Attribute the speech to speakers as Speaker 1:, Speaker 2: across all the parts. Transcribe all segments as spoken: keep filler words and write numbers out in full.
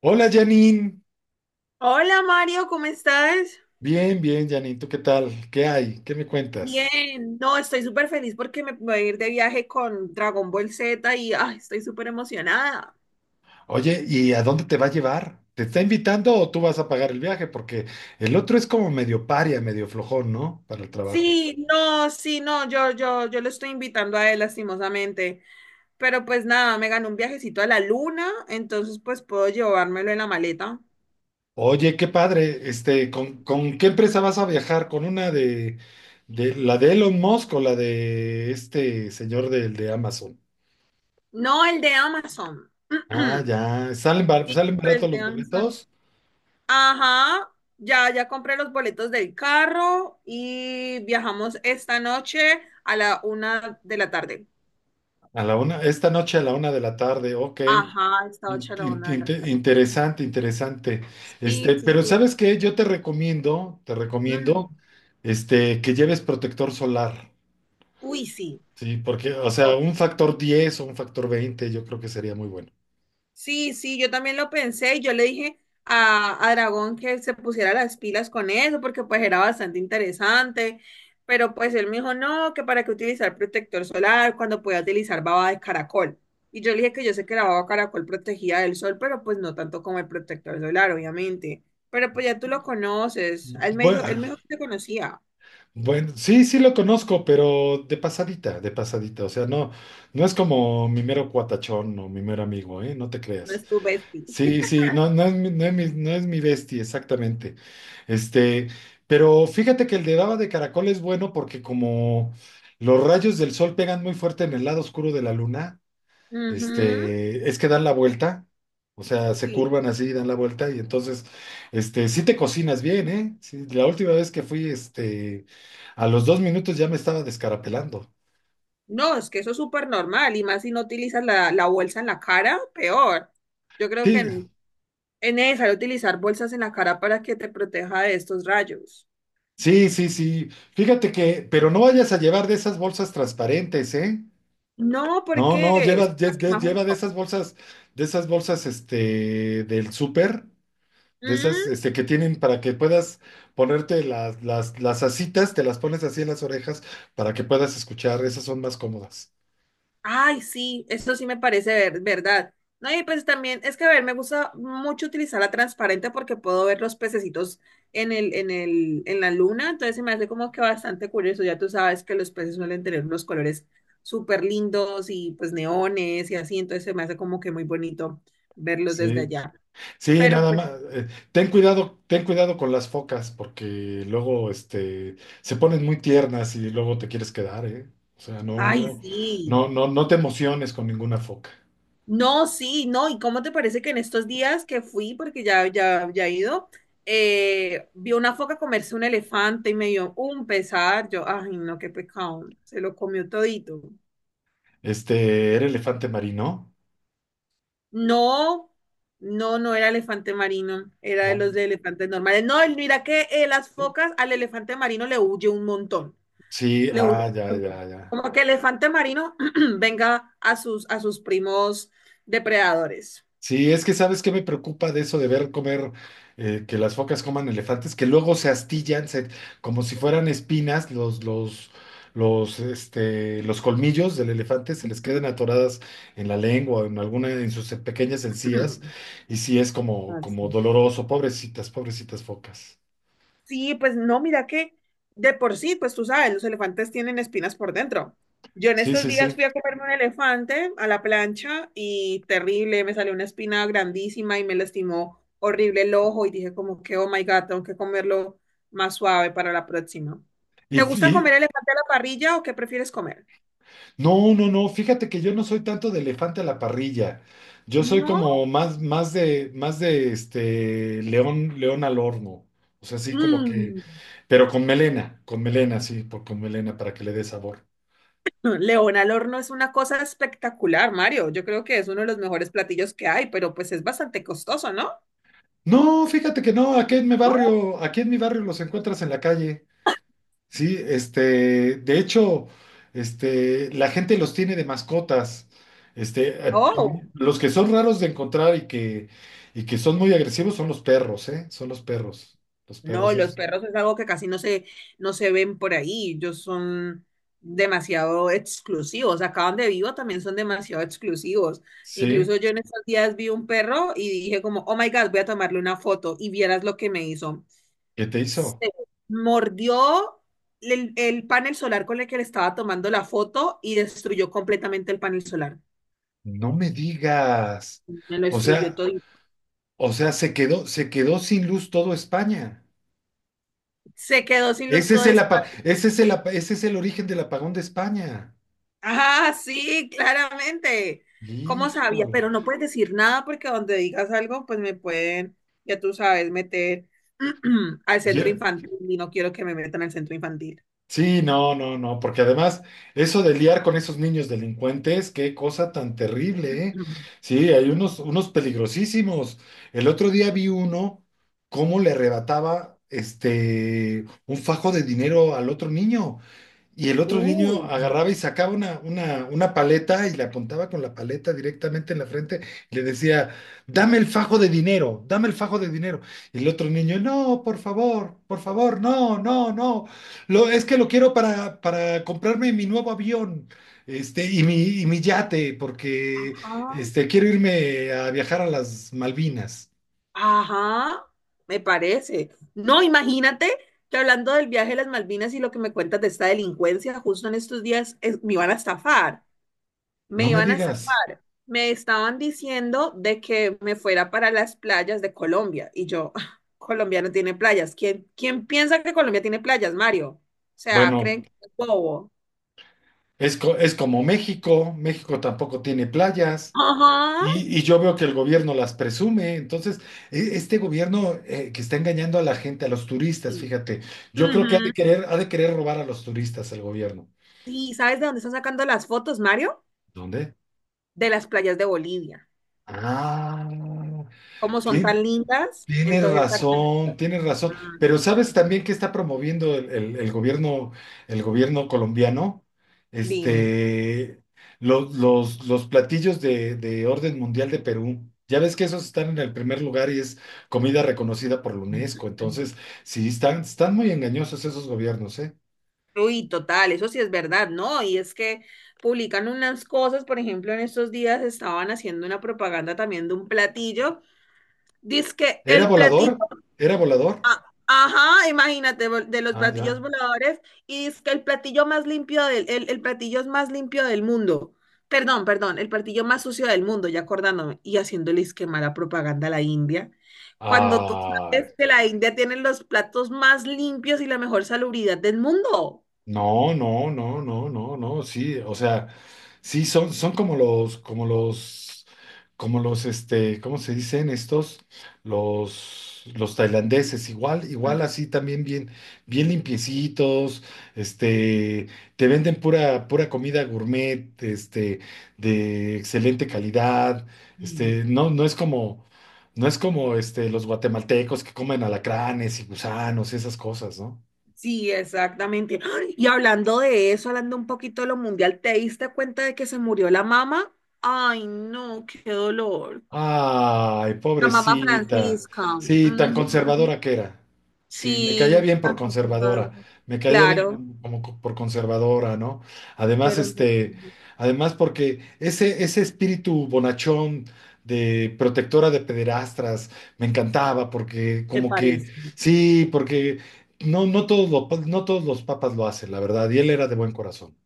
Speaker 1: Hola Janine,
Speaker 2: Hola Mario, ¿cómo estás?
Speaker 1: bien, bien Janine, ¿tú qué tal? ¿Qué hay? ¿Qué me cuentas?
Speaker 2: Bien, no, estoy súper feliz porque me voy a ir de viaje con Dragon Ball Z y ay, estoy súper emocionada.
Speaker 1: Oye, ¿y a dónde te va a llevar? ¿Te está invitando o tú vas a pagar el viaje? Porque el otro es como medio paria, medio flojón, ¿no? Para el trabajo.
Speaker 2: Sí, no, sí, no, yo, yo, yo lo estoy invitando a él lastimosamente, pero pues nada, me ganó un viajecito a la luna, entonces pues puedo llevármelo en la maleta.
Speaker 1: Oye, qué padre, este, ¿con, con qué empresa vas a viajar? ¿Con una de, de la de Elon Musk o la de este señor del de Amazon?
Speaker 2: No, el de Amazon.
Speaker 1: Ah, ya, salen, bar-
Speaker 2: Sí,
Speaker 1: salen
Speaker 2: el
Speaker 1: baratos
Speaker 2: de
Speaker 1: los
Speaker 2: Amazon.
Speaker 1: boletos.
Speaker 2: Ajá, ya, ya compré los boletos del carro y viajamos esta noche a la una de la tarde.
Speaker 1: A la una, esta noche a la una de la tarde, ok.
Speaker 2: Ajá, esta noche
Speaker 1: In-
Speaker 2: a la
Speaker 1: in-
Speaker 2: una de la
Speaker 1: inte-
Speaker 2: tarde.
Speaker 1: Interesante, interesante.
Speaker 2: Sí,
Speaker 1: Este,
Speaker 2: sí.
Speaker 1: pero ¿sabes qué? Yo te recomiendo, te
Speaker 2: Mm,
Speaker 1: recomiendo, este, que lleves protector solar,
Speaker 2: uy, sí.
Speaker 1: ¿sí? Porque, o sea, un factor diez o un factor veinte yo creo que sería muy bueno.
Speaker 2: Sí, sí, yo también lo pensé y yo le dije a, a Dragón que se pusiera las pilas con eso porque pues era bastante interesante, pero pues él me dijo, no, que para qué utilizar protector solar cuando podía utilizar baba de caracol. Y yo le dije que yo sé que la baba de caracol protegía del sol, pero pues no tanto como el protector solar, obviamente. Pero pues ya tú lo conoces, él me dijo,
Speaker 1: Bueno,
Speaker 2: él me dijo que te conocía,
Speaker 1: bueno, sí, sí lo conozco, pero de pasadita, de pasadita. O sea, no, no es como mi mero cuatachón o mi mero amigo, ¿eh? No te
Speaker 2: no
Speaker 1: creas.
Speaker 2: es tu bestie.
Speaker 1: Sí, sí, no, no es mi, no es mi, no es mi bestia, exactamente. Este, pero fíjate que el de baba de caracol es bueno porque como los rayos del sol pegan muy fuerte en el lado oscuro de la luna,
Speaker 2: Ujú.
Speaker 1: este, es que dan la vuelta, o sea, se curvan así, dan la vuelta, y entonces, este, sí te cocinas bien, ¿eh? Sí, la última vez que fui, este, a los dos minutos ya me estaba descarapelando.
Speaker 2: No, es que eso es súper normal y más si no utilizas la, la bolsa en la cara, peor. Yo creo que
Speaker 1: Sí,
Speaker 2: en- es necesario utilizar bolsas en la cara para que te proteja de estos rayos.
Speaker 1: sí, sí, sí. Fíjate que, pero no vayas a llevar de esas bolsas transparentes, ¿eh?
Speaker 2: No, ¿por
Speaker 1: No,
Speaker 2: qué?
Speaker 1: no,
Speaker 2: Es
Speaker 1: lleva,
Speaker 2: más
Speaker 1: lle-
Speaker 2: que
Speaker 1: lle-
Speaker 2: más
Speaker 1: lleva de
Speaker 2: junto.
Speaker 1: esas bolsas, de esas bolsas, este, del súper. De
Speaker 2: Mm.
Speaker 1: esas este, que tienen para que puedas ponerte las, las, las asitas, te las pones así en las orejas para que puedas escuchar, esas son más cómodas.
Speaker 2: Ay, sí, eso sí me parece ver- verdad. No, y pues también es que, a ver, me gusta mucho utilizar la transparente porque puedo ver los pececitos en el, en el, en la luna, entonces se me hace como que bastante curioso. Ya tú sabes que los peces suelen tener unos colores súper lindos y pues neones y así, entonces se me hace como que muy bonito verlos desde
Speaker 1: Sí,
Speaker 2: allá.
Speaker 1: sí,
Speaker 2: Pero
Speaker 1: nada
Speaker 2: pues,
Speaker 1: más. Eh, ten cuidado, ten cuidado con las focas, porque luego este, se ponen muy tiernas y luego te quieres quedar, ¿eh? O sea, no,
Speaker 2: ay,
Speaker 1: no,
Speaker 2: sí.
Speaker 1: no, no, no te emociones con ninguna foca.
Speaker 2: No, sí, no, ¿y cómo te parece que en estos días que fui, porque ya, ya, ya he ido, eh, vi una foca comerse un elefante y me dio un pesar, yo, ay, no, qué pecado, se lo comió todito.
Speaker 1: Este, ¿era elefante marino?
Speaker 2: No, no, no era elefante marino, era de los
Speaker 1: Ah.
Speaker 2: de elefantes normales. No, y mira que eh, las focas al elefante marino le huye un montón,
Speaker 1: Sí,
Speaker 2: le huye
Speaker 1: ah, ya,
Speaker 2: un
Speaker 1: ya,
Speaker 2: montón.
Speaker 1: ya.
Speaker 2: Como que el elefante marino venga a sus, a sus primos depredadores.
Speaker 1: Sí, es que sabes qué me preocupa de eso de ver comer, eh, que las focas coman elefantes, que luego se astillan, se- como si fueran espinas, los, los, los, este, los colmillos del elefante se les quedan atoradas en la lengua, o en alguna, en sus pequeñas encías, y sí es como, como
Speaker 2: Así.
Speaker 1: doloroso, pobrecitas, pobrecitas focas.
Speaker 2: Sí, pues no, mira que de por sí, pues tú sabes, los elefantes tienen espinas por dentro. Yo en
Speaker 1: Sí,
Speaker 2: estos
Speaker 1: sí,
Speaker 2: días fui
Speaker 1: sí.
Speaker 2: a comerme un elefante a la plancha y terrible, me salió una espina grandísima y me lastimó horrible el ojo y dije como que, oh my God, tengo que comerlo más suave para la próxima. ¿Te gusta comer
Speaker 1: Y,
Speaker 2: elefante a la parrilla o qué prefieres comer?
Speaker 1: no, no, no, fíjate que yo no soy tanto de elefante a la parrilla. Yo soy
Speaker 2: No.
Speaker 1: como más, más de, más de este león, león al horno. O sea, así como que,
Speaker 2: Mm.
Speaker 1: pero con melena, con melena, sí, por, con melena para que le dé sabor.
Speaker 2: León al horno es una cosa espectacular, Mario. Yo creo que es uno de los mejores platillos que hay, pero pues es bastante costoso, ¿no?
Speaker 1: No, fíjate que no, aquí en mi barrio, aquí en mi barrio los encuentras en la calle. Sí, este, de hecho, este, la gente los tiene de mascotas. Este, eh,
Speaker 2: Oh.
Speaker 1: los que son raros de encontrar y que, y que son muy agresivos son los perros, ¿eh? Son los perros. Los
Speaker 2: No,
Speaker 1: perros
Speaker 2: los
Speaker 1: es-
Speaker 2: perros es algo que casi no se, no se ven por ahí. Ellos son demasiado exclusivos. Acá donde vivo también son demasiado exclusivos.
Speaker 1: Sí,
Speaker 2: Incluso yo en estos días vi un perro y dije como, oh my God, voy a tomarle una foto y vieras lo que me hizo.
Speaker 1: ¿qué te hizo?
Speaker 2: Se mordió el, el panel solar con el que le estaba tomando la foto y destruyó completamente el panel solar.
Speaker 1: No me digas.
Speaker 2: Me lo
Speaker 1: O
Speaker 2: destruyó
Speaker 1: sea,
Speaker 2: todo.
Speaker 1: o sea, se quedó, se quedó sin luz todo España.
Speaker 2: Se quedó sin luz
Speaker 1: Ese
Speaker 2: todo.
Speaker 1: es el, apa- ese es el, apa- ese es el origen del apagón de España.
Speaker 2: Ah, sí, claramente. ¿Cómo sabía?
Speaker 1: Híjole.
Speaker 2: Pero no puedes decir nada porque donde digas algo, pues me pueden, ya tú sabes, meter al centro
Speaker 1: Ya-
Speaker 2: infantil y no quiero que me metan al centro infantil.
Speaker 1: sí, no, no, no, porque además eso de liar con esos niños delincuentes, qué cosa tan terrible, ¿eh? Sí, hay unos, unos peligrosísimos. El otro día vi uno cómo le arrebataba este un fajo de dinero al otro niño. Y el otro niño
Speaker 2: Uy, no.
Speaker 1: agarraba y sacaba una, una, una paleta y le apuntaba con la paleta directamente en la frente y le decía, dame el fajo de dinero, dame el fajo de dinero. Y el otro niño, no, por favor, por favor, no, no, no. Lo, es que lo quiero para, para comprarme mi nuevo avión, este, y mi, y mi yate, porque
Speaker 2: Ajá.
Speaker 1: este, quiero irme a viajar a las Malvinas.
Speaker 2: Ajá, me parece. No, imagínate que hablando del viaje a las Malvinas y lo que me cuentas de esta delincuencia, justo en estos días es- me iban a estafar. Me
Speaker 1: No me
Speaker 2: iban a
Speaker 1: digas.
Speaker 2: zafar. Me estaban diciendo de que me fuera para las playas de Colombia. Y yo, "Ah, Colombia no tiene playas. ¿Quién, quién piensa que Colombia tiene playas, Mario? O sea,
Speaker 1: Bueno,
Speaker 2: creen que es bobo".
Speaker 1: es, co- es como México, México tampoco tiene playas.
Speaker 2: Ajá.
Speaker 1: Y, y yo veo que el gobierno las presume. Entonces, e- este gobierno eh, que está engañando a la gente, a los turistas,
Speaker 2: Sí.
Speaker 1: fíjate, yo creo que ha
Speaker 2: Ujú.
Speaker 1: de querer, ha de querer robar a los turistas el gobierno.
Speaker 2: Sí, ¿sabes de dónde están sacando las fotos, Mario?
Speaker 1: ¿Dónde?
Speaker 2: De las playas de Bolivia.
Speaker 1: Ah,
Speaker 2: Como son
Speaker 1: sí,
Speaker 2: tan lindas,
Speaker 1: tienes
Speaker 2: entonces sacan-
Speaker 1: razón, tienes razón.
Speaker 2: Ah,
Speaker 1: Pero ¿sabes también qué está promoviendo el, el- el gobierno, el gobierno colombiano?
Speaker 2: dime.
Speaker 1: Este, los, los, los platillos de, de orden mundial de Perú. Ya ves que esos están en el primer lugar y es comida reconocida por la UNESCO. Entonces, sí, están, están muy engañosos esos gobiernos, ¿eh?
Speaker 2: Uy, total, eso sí es verdad, ¿no? Y es que publican unas cosas, por ejemplo, en estos días estaban haciendo una propaganda también de un platillo. Dice
Speaker 1: ¿Era
Speaker 2: el platillo,
Speaker 1: volador? ¿Era volador?
Speaker 2: ajá, imagínate, vol- de los
Speaker 1: Ah,
Speaker 2: platillos
Speaker 1: ya.
Speaker 2: voladores, y dice el platillo más limpio del, el, el platillo es más limpio del mundo. Perdón, perdón, el platillo más sucio del mundo, ya acordándome, y haciéndole que mala propaganda a la India. Cuando tú
Speaker 1: Ah.
Speaker 2: sabes que la India tiene los platos más limpios y la mejor salubridad del mundo.
Speaker 1: No, no, no, no, no, no, sí, o sea, sí, son, son como los, como los, como los, este, ¿cómo se dicen estos? Los, los tailandeses, igual, igual así también bien, bien limpiecitos, este, te venden pura, pura comida gourmet, este, de excelente calidad,
Speaker 2: Mm.
Speaker 1: este, no, no es como, no es como, este, los guatemaltecos que comen alacranes y gusanos, esas cosas, ¿no?
Speaker 2: Sí, exactamente. ¡Ah! Y hablando de eso, hablando un poquito de lo mundial, ¿te diste cuenta de que se murió la mamá? Ay, no, qué dolor.
Speaker 1: Ay,
Speaker 2: La mamá
Speaker 1: pobrecita.
Speaker 2: Francisca.
Speaker 1: Sí, tan
Speaker 2: Ujú.
Speaker 1: conservadora que era. Sí, me caía
Speaker 2: Sí,
Speaker 1: bien por
Speaker 2: tan conservadora.
Speaker 1: conservadora. Me caía bien
Speaker 2: Claro,
Speaker 1: como, como co- por conservadora, ¿no? Además,
Speaker 2: era un-
Speaker 1: este, además porque ese, ese espíritu bonachón de protectora de pederastras me encantaba porque
Speaker 2: me
Speaker 1: como que
Speaker 2: parece.
Speaker 1: sí, porque no, no todos los, pa- no todos los papas lo hacen, la verdad, y él era de buen corazón.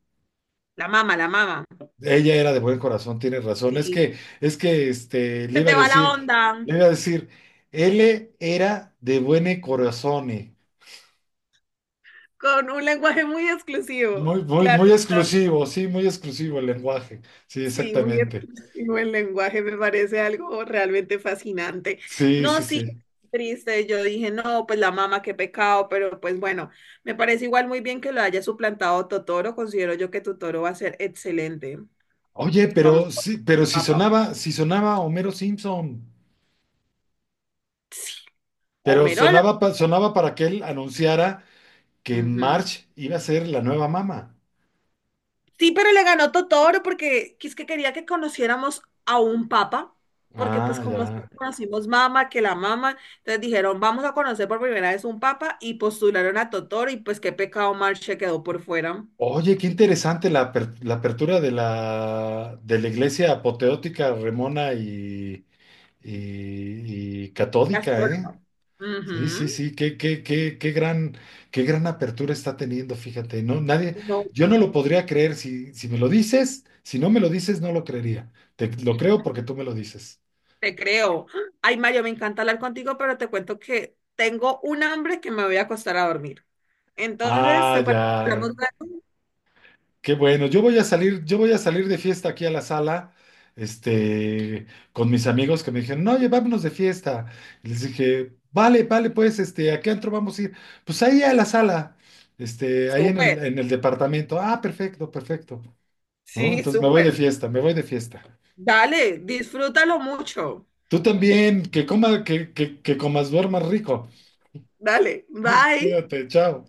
Speaker 2: La mamá, la mamá.
Speaker 1: Ella era de buen corazón, tienes razón. Es que,
Speaker 2: Sí.
Speaker 1: es que, este, le
Speaker 2: Se
Speaker 1: iba a
Speaker 2: te va la
Speaker 1: decir,
Speaker 2: onda
Speaker 1: le iba a decir, él era de buen corazón. Eh,
Speaker 2: con un lenguaje muy exclusivo.
Speaker 1: muy, muy,
Speaker 2: Claro.
Speaker 1: muy exclusivo, sí, muy exclusivo el lenguaje. Sí,
Speaker 2: Sí, muy
Speaker 1: exactamente.
Speaker 2: expresivo el lenguaje, me parece algo realmente fascinante.
Speaker 1: Sí,
Speaker 2: No,
Speaker 1: sí,
Speaker 2: sí,
Speaker 1: sí.
Speaker 2: triste, yo dije, no, pues la mamá, qué pecado, pero pues bueno, me parece igual muy bien que lo haya suplantado Totoro, considero yo que Totoro va a ser excelente.
Speaker 1: Oye,
Speaker 2: Vamos
Speaker 1: pero
Speaker 2: por
Speaker 1: sí, pero si
Speaker 2: papá.
Speaker 1: sonaba, si sonaba Homero Simpson,
Speaker 2: Sí.
Speaker 1: pero
Speaker 2: Homerola.
Speaker 1: sonaba, pa- sonaba para que él anunciara que
Speaker 2: Ujú.
Speaker 1: Marge iba a ser la nueva mamá.
Speaker 2: Sí, pero le ganó Totoro porque es que quería que conociéramos a un papa, porque pues
Speaker 1: Ah,
Speaker 2: como
Speaker 1: ya.
Speaker 2: siempre conocimos mama, que la mama, entonces dijeron, vamos a conocer por primera vez un papa y postularon a Totoro y pues qué pecado Marche quedó por fuera.
Speaker 1: Oye, qué interesante la, aper- la apertura de la, de la iglesia apoteótica, remona y, y- y catódica, ¿eh?
Speaker 2: Astróloga.
Speaker 1: Sí, sí,
Speaker 2: Ujú.
Speaker 1: sí, qué, qué, qué, qué gran, qué gran apertura está teniendo, fíjate, no, nadie,
Speaker 2: No,
Speaker 1: yo no lo podría creer si, si me lo dices, si no me lo dices, no lo creería. Te lo creo porque tú me lo dices.
Speaker 2: te creo. Ay, Mario, me encanta hablar contigo, pero te cuento que tengo un hambre que me voy a acostar a dormir. Entonces,
Speaker 1: Ah,
Speaker 2: ¿te parece que
Speaker 1: ya,
Speaker 2: hablamos luego?
Speaker 1: qué bueno. Yo voy a salir, yo voy a salir de fiesta aquí a la sala, este, con mis amigos que me dijeron, no, oye, vámonos de fiesta. Y les dije, vale, vale, pues, este, ¿a qué antro vamos a ir? Pues ahí a la sala, este, ahí en el,
Speaker 2: Súper.
Speaker 1: en el departamento. Ah, perfecto, perfecto. ¿No?
Speaker 2: Sí,
Speaker 1: Entonces me voy de
Speaker 2: súper.
Speaker 1: fiesta, me voy de fiesta.
Speaker 2: Dale, disfrútalo mucho.
Speaker 1: Tú también, que coma, que, que, que comas, duermas rico.
Speaker 2: Dale, bye.
Speaker 1: Cuídate, chao.